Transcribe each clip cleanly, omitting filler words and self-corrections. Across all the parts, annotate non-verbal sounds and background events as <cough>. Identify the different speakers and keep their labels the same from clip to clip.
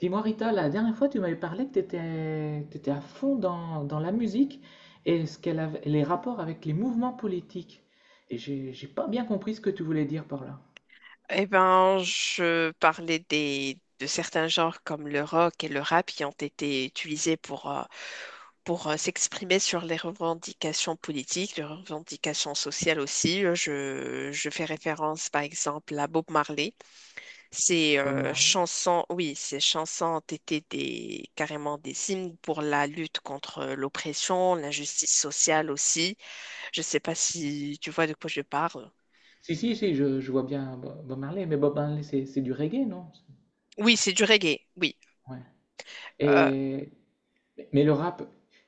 Speaker 1: Dis-moi Rita, la dernière fois tu m'avais parlé que tu étais, à fond dans la musique et ce qu'elle les rapports avec les mouvements politiques. Et j'ai pas bien compris ce que tu voulais dire par là.
Speaker 2: Eh ben, je parlais de certains genres comme le rock et le rap qui ont été utilisés pour s'exprimer sur les revendications politiques, les revendications sociales aussi. Je fais référence par exemple à Bob Marley. Ces
Speaker 1: Bob
Speaker 2: euh,
Speaker 1: Marley?
Speaker 2: chansons, oui, ces chansons ont été carrément des hymnes pour la lutte contre l'oppression, l'injustice sociale aussi. Je ne sais pas si tu vois de quoi je parle.
Speaker 1: Si, si, si, je vois bien Bob Marley, mais Bob Marley c'est du reggae, non?
Speaker 2: Oui, c'est du reggae, oui.
Speaker 1: Ouais.
Speaker 2: Euh,
Speaker 1: Et, mais le rap,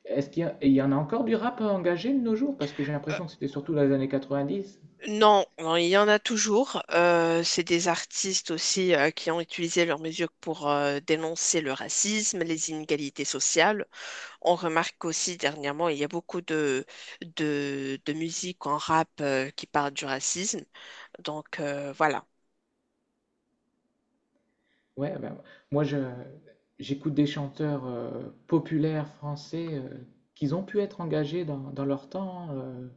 Speaker 1: est-ce il y en a encore du rap engagé de nos jours? Parce que j'ai
Speaker 2: euh,
Speaker 1: l'impression que c'était surtout dans les années 90.
Speaker 2: Non, non, il y en a toujours. C'est des artistes aussi qui ont utilisé leurs mesures pour dénoncer le racisme, les inégalités sociales. On remarque aussi dernièrement, il y a beaucoup de musique en rap qui parle du racisme. Voilà.
Speaker 1: Ouais, ben, moi je j'écoute des chanteurs populaires français qu'ils ont pu être engagés dans, leur temps,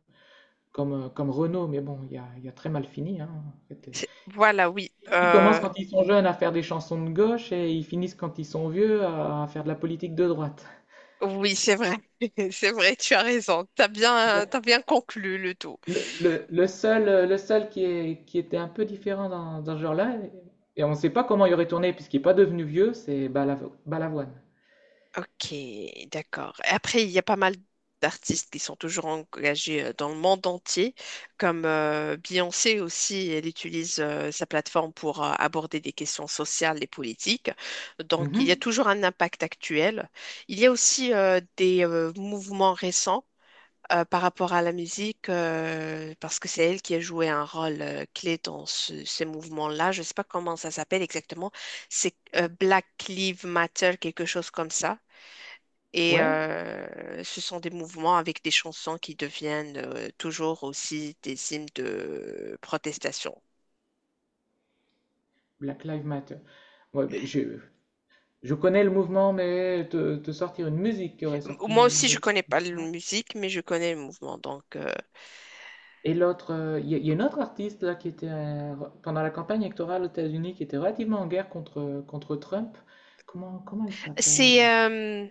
Speaker 1: comme Renaud, mais bon, il a très mal fini, hein, en fait.
Speaker 2: Voilà, oui.
Speaker 1: Ils commencent quand ils sont jeunes à faire des chansons de gauche et ils finissent quand ils sont vieux à, faire de la politique de droite.
Speaker 2: Oui, c'est vrai. <laughs> C'est vrai, tu as raison. T'as bien conclu le tout.
Speaker 1: Le seul, le seul, qui est, qui était un peu différent dans ce genre-là, et on ne sait pas comment il aurait tourné puisqu'il n'est pas devenu vieux, c'est Balavoine.
Speaker 2: Ok, d'accord. Et après, il y a pas mal d'artistes qui sont toujours engagés dans le monde entier, comme Beyoncé aussi. Elle utilise sa plateforme pour aborder des questions sociales et politiques. Donc, il y a
Speaker 1: Mhm.
Speaker 2: toujours un impact actuel. Il y a aussi des mouvements récents par rapport à la musique, parce que c'est elle qui a joué un rôle clé dans ces mouvements-là. Je ne sais pas comment ça s'appelle exactement. C'est Black Lives Matter, quelque chose comme ça. Et
Speaker 1: Ouais.
Speaker 2: ce sont des mouvements avec des chansons qui deviennent toujours aussi des hymnes de protestation.
Speaker 1: Black Lives Matter. Ouais, ben, je connais le mouvement, mais te sortir une musique qui aurait
Speaker 2: Moi
Speaker 1: sorti
Speaker 2: aussi,
Speaker 1: de
Speaker 2: je connais
Speaker 1: sorti
Speaker 2: pas la
Speaker 1: ça.
Speaker 2: musique, mais je connais le mouvement.
Speaker 1: Et l'autre, il y a une autre artiste là qui était pendant la campagne électorale aux États-Unis qui était relativement en guerre contre Trump. Comment elle s'appelle?
Speaker 2: C'est, euh,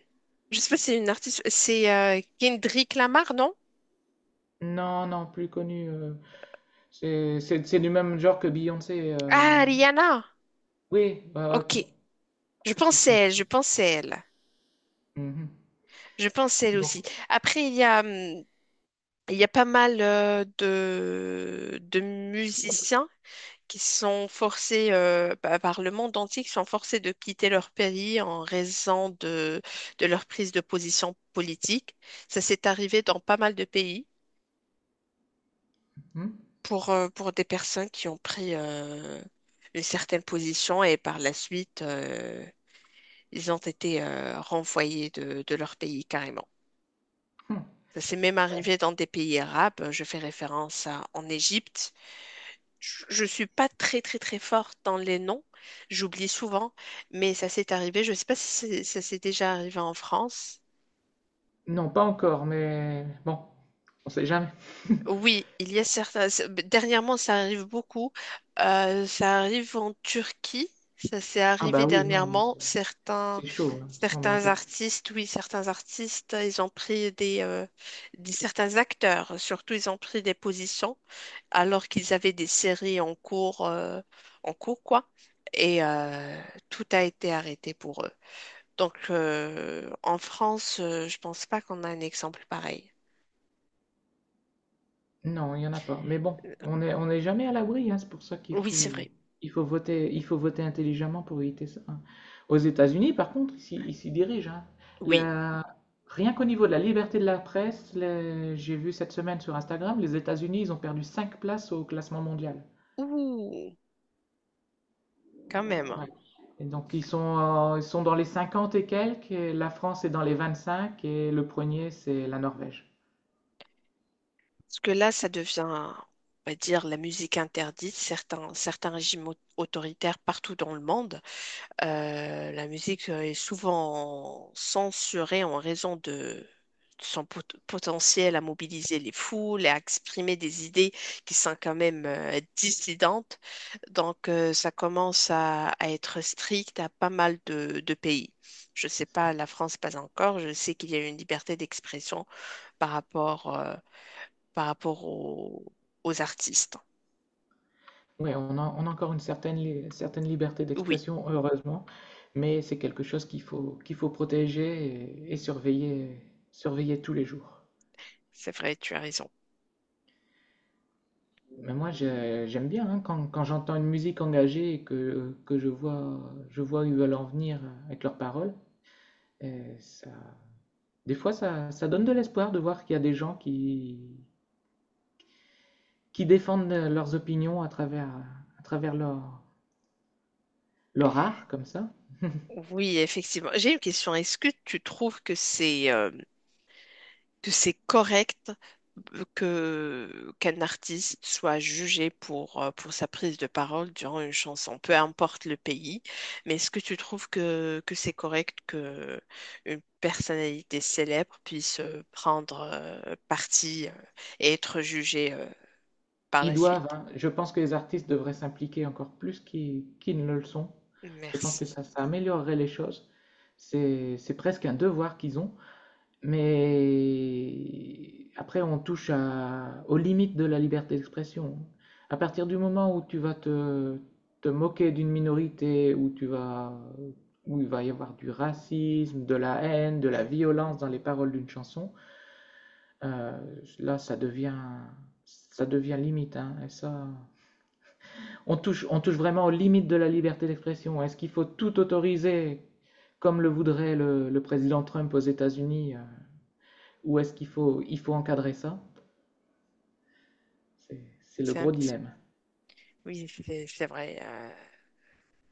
Speaker 2: je sais pas, si c'est une artiste, c'est Kendrick Lamar, non?
Speaker 1: Non, non, plus connue. C'est du même genre que Beyoncé.
Speaker 2: Ah, Rihanna.
Speaker 1: Oui,
Speaker 2: Ok.
Speaker 1: quelque chose comme ça.
Speaker 2: Je pensais elle.
Speaker 1: Mhm.
Speaker 2: Je pensais elle aussi.
Speaker 1: Donc,
Speaker 2: Après, il y a pas mal de musiciens qui sont forcés par le monde entier, qui sont forcés de quitter leur pays en raison de leur prise de position politique. Ça s'est arrivé dans pas mal de pays
Speaker 1: hum,
Speaker 2: pour des personnes qui ont pris une certaine position et par la suite, ils ont été renvoyés de leur pays carrément.
Speaker 1: hum,
Speaker 2: Ça s'est même
Speaker 1: ouais.
Speaker 2: arrivé dans des pays arabes. Je fais référence à, en Égypte. Je suis pas très très très forte dans les noms, j'oublie souvent, mais ça s'est arrivé. Je sais pas si ça s'est déjà arrivé en France.
Speaker 1: Non, pas encore, mais bon, on sait jamais.
Speaker 2: Oui, il y a certains. Dernièrement, ça arrive beaucoup. Ça arrive en Turquie. Ça s'est
Speaker 1: Ah
Speaker 2: arrivé
Speaker 1: bah oui, non.
Speaker 2: dernièrement.
Speaker 1: C'est chaud, hein, en ce moment en
Speaker 2: Certains
Speaker 1: Turquie.
Speaker 2: artistes, oui, certains artistes, ils ont pris certains acteurs, surtout, ils ont pris des positions alors qu'ils avaient des séries en cours quoi. Et tout a été arrêté pour eux. Donc, en France, je pense pas qu'on a un exemple pareil.
Speaker 1: Non, il n'y en a pas. Mais bon,
Speaker 2: Euh,
Speaker 1: on n'est jamais à l'abri, hein, c'est pour ça qu'il
Speaker 2: Oui, c'est
Speaker 1: faut,
Speaker 2: vrai.
Speaker 1: il faut voter, il faut voter, intelligemment pour éviter ça, hein. Aux États-Unis, par contre, ils s'y dirigent, hein.
Speaker 2: Oui.
Speaker 1: La- Rien qu'au niveau de la liberté de la presse, j'ai vu cette semaine sur Instagram, les États-Unis, ils ont perdu 5 places au classement mondial.
Speaker 2: Ouh, quand même.
Speaker 1: Ouais. Et donc, ils sont dans les 50 et quelques, et la France est dans les 25 et le premier, c'est la Norvège.
Speaker 2: Parce que là, ça devient, on va dire, la musique interdite. Certains, certains régimes autoritaires partout dans le monde, la musique est souvent censurée en raison de son potentiel à mobiliser les foules et à exprimer des idées qui sont quand même dissidentes. Donc, ça commence à être strict à pas mal de pays. Je ne sais pas, la France pas encore. Je sais qu'il y a une liberté d'expression par rapport, euh, par rapport aux artistes.
Speaker 1: Oui, on a encore une certaine liberté
Speaker 2: Oui,
Speaker 1: d'expression, heureusement, mais c'est quelque chose qu'il faut protéger et surveiller, tous les jours.
Speaker 2: c'est vrai, tu as raison.
Speaker 1: Mais moi, j'aime bien, hein, quand, j'entends une musique engagée et que, je vois où ils veulent en venir avec leurs paroles. euh, ça, des fois, ça donne de l'espoir de voir qu'il y a des gens qui, défendent leurs opinions à travers, leur art, comme ça.
Speaker 2: Oui, effectivement. J'ai une question. Est-ce que tu trouves que c'est correct que qu'un artiste soit jugé pour sa prise de parole durant une chanson, peu importe le pays, mais est-ce que tu trouves que c'est correct que une personnalité célèbre puisse prendre parti et être jugée par
Speaker 1: Ils
Speaker 2: la
Speaker 1: doivent,
Speaker 2: suite?
Speaker 1: hein. Je pense que les artistes devraient s'impliquer encore plus qu'ils ne le sont. Je pense que
Speaker 2: Merci.
Speaker 1: ça améliorerait les choses. C'est presque un devoir qu'ils ont. Mais après, on touche aux limites de la liberté d'expression. À partir du moment où tu vas te, moquer d'une minorité, où tu vas, où il va y avoir du racisme, de la haine, de la
Speaker 2: Mhm.
Speaker 1: violence dans les paroles d'une chanson, euh, là, ça devient limite, hein. Et ça. On touche vraiment aux limites de la liberté d'expression. Est-ce qu'il faut tout autoriser comme le voudrait le président Trump aux États-Unis, ou est-ce qu'il faut encadrer ça? C'est le
Speaker 2: C'est un
Speaker 1: gros
Speaker 2: petit...
Speaker 1: dilemme.
Speaker 2: Oui, c'est vrai.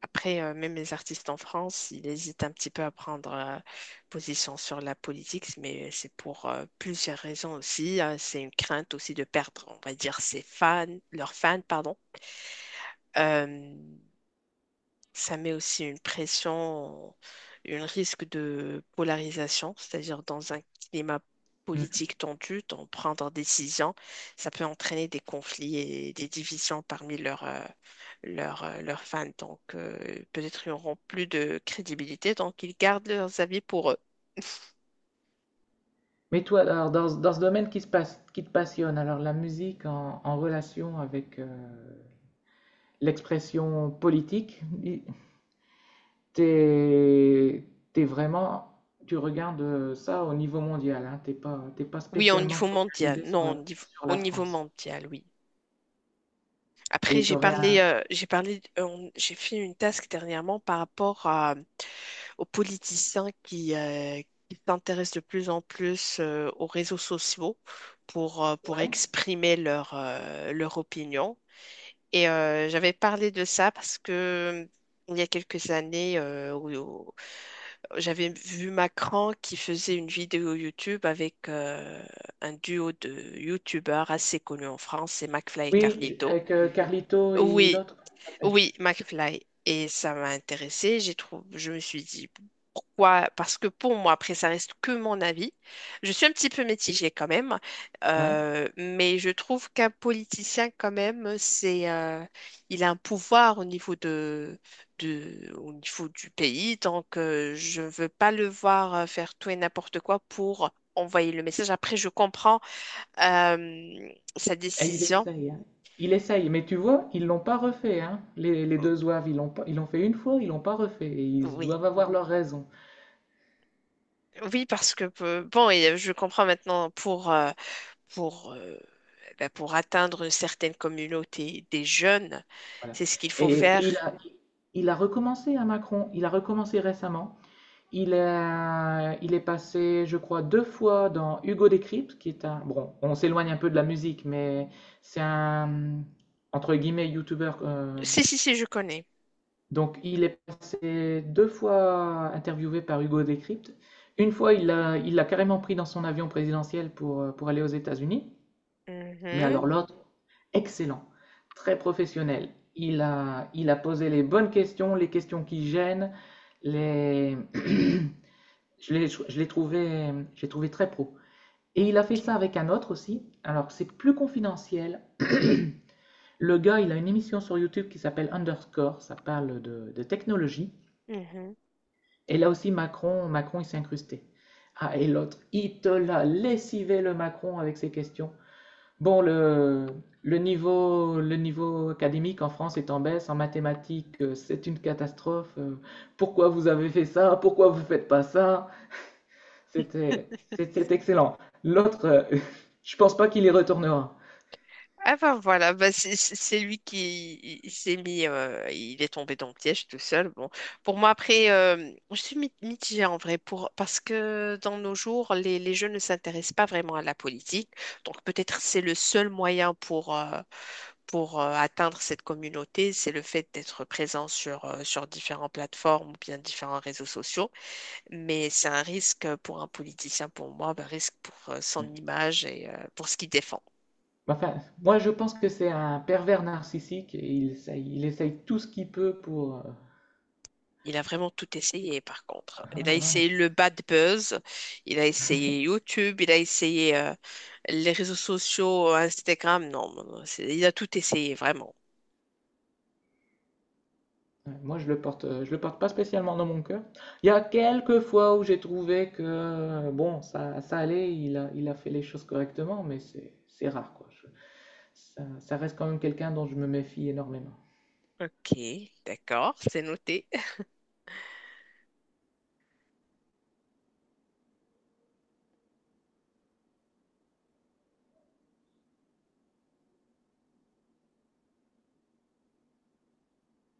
Speaker 2: Après, même les artistes en France, ils hésitent un petit peu à prendre position sur la politique, mais c'est pour plusieurs raisons aussi. C'est une crainte aussi de perdre, on va dire, ses fans, leurs fans, pardon. Euh, Ça met aussi une pression, un risque de polarisation, c'est-à-dire dans un climat
Speaker 1: Mm.
Speaker 2: politique tendu, d'en prendre des décisions, ça peut entraîner des conflits et des divisions parmi leurs leurs fans. Donc, peut-être ils n'auront plus de crédibilité, donc ils gardent leurs avis pour eux.
Speaker 1: Mais toi, alors, dans, ce domaine qui te passionne, alors la musique en relation avec l'expression politique, t'es, t'es vraiment, tu regardes ça au niveau mondial, hein, t'es pas
Speaker 2: Oui, au
Speaker 1: spécialement
Speaker 2: niveau mondial.
Speaker 1: focalisé sur
Speaker 2: Non,
Speaker 1: la, sur
Speaker 2: au
Speaker 1: la
Speaker 2: niveau
Speaker 1: France.
Speaker 2: mondial, oui. Après,
Speaker 1: Et t'aurais un.
Speaker 2: j'ai parlé, j'ai fait une task dernièrement par rapport à aux politiciens qui s'intéressent de plus en plus aux réseaux sociaux pour
Speaker 1: Ouais.
Speaker 2: exprimer leur opinion. Et j'avais parlé de ça parce que il y a quelques années, où j'avais vu Macron qui faisait une vidéo YouTube avec un duo de YouTubeurs assez connus en France, c'est McFly et
Speaker 1: Oui,
Speaker 2: Carlito.
Speaker 1: avec Carlito et
Speaker 2: Oui,
Speaker 1: l'autre.
Speaker 2: oui, McFly. Et ça m'a intéressée. J'ai trouvé, je me suis dit pourquoi? Parce que pour moi, après, ça reste que mon avis. Je suis un petit peu mitigée quand même,
Speaker 1: Ouais.
Speaker 2: mais je trouve qu'un politicien quand même, il a un pouvoir au niveau au niveau du pays. Donc, je ne veux pas le voir faire tout et n'importe quoi pour envoyer le message. Après, je comprends euh, sa
Speaker 1: Et il
Speaker 2: décision.
Speaker 1: essaye, hein. Il essaye, mais tu vois, ils l'ont pas refait, hein. Les deux zouaves, ils l'ont pas- ils l'ont fait une fois, ils l'ont pas refait. Et ils
Speaker 2: Oui.
Speaker 1: doivent avoir leur raison.
Speaker 2: Oui, parce que je comprends maintenant pour ben, pour atteindre une certaine communauté des jeunes,
Speaker 1: Voilà.
Speaker 2: c'est ce qu'il faut
Speaker 1: Et,
Speaker 2: faire.
Speaker 1: et il a recommencé à Macron. Il a recommencé récemment. Il est passé, je crois, deux fois dans Hugo Décrypte, qui est un. Bon, on s'éloigne un peu de la musique, mais c'est un entre guillemets youtubeur.
Speaker 2: Si si si, je connais.
Speaker 1: Donc, il est passé deux fois interviewé par Hugo Décrypte. Une fois, il l'a carrément pris dans son avion présidentiel pour aller aux États-Unis. Mais alors,
Speaker 2: Mhm,
Speaker 1: l'autre, excellent, très professionnel. Il a posé les bonnes questions, les questions qui gênent. Les. <clears throat> <coughs> J'ai trouvé très pro. Et il a fait
Speaker 2: ok.
Speaker 1: ça avec un autre aussi. Alors, c'est plus confidentiel. Le gars, il a une émission sur YouTube qui s'appelle Underscore. Ça parle de technologie.
Speaker 2: Mhm.
Speaker 1: Et là aussi, Macron, Macron, il s'est incrusté. Ah, et l'autre, il te l'a lessivé le Macron avec ses questions. Bon, le niveau académique en France est en baisse, en mathématiques, c'est une catastrophe. Pourquoi vous avez fait ça? Pourquoi vous ne faites pas ça? C'est excellent. L'autre, <laughs> je ne pense pas qu'il y retournera.
Speaker 2: Ah ben voilà, bah c'est lui qui il s'est mis, il est tombé dans le piège tout seul. Bon, pour moi après, je suis mitigée en vrai pour parce que dans nos jours, les jeunes ne s'intéressent pas vraiment à la politique. Donc peut-être c'est le seul moyen pour atteindre cette communauté. C'est le fait d'être présent sur sur différentes plateformes ou bien différents réseaux sociaux. Mais c'est un risque pour un politicien, pour moi, un risque pour son image et pour ce qu'il défend.
Speaker 1: Enfin, moi, je pense que c'est un pervers narcissique et il essaye, tout ce qu'il peut pour.
Speaker 2: Il a vraiment tout essayé, par contre, hein.
Speaker 1: <laughs>
Speaker 2: Il a
Speaker 1: Voilà.
Speaker 2: essayé le bad buzz, il a essayé YouTube, il a essayé les réseaux sociaux, Instagram. Non, non, non, il a tout essayé, vraiment.
Speaker 1: Ouais, moi, je le porte pas spécialement dans mon cœur. Il y a quelques fois où j'ai trouvé que bon, ça, allait, il a fait les choses correctement, mais c'est rare quoi. Ça, reste quand même quelqu'un dont je me méfie énormément.
Speaker 2: Ok, d'accord, c'est noté.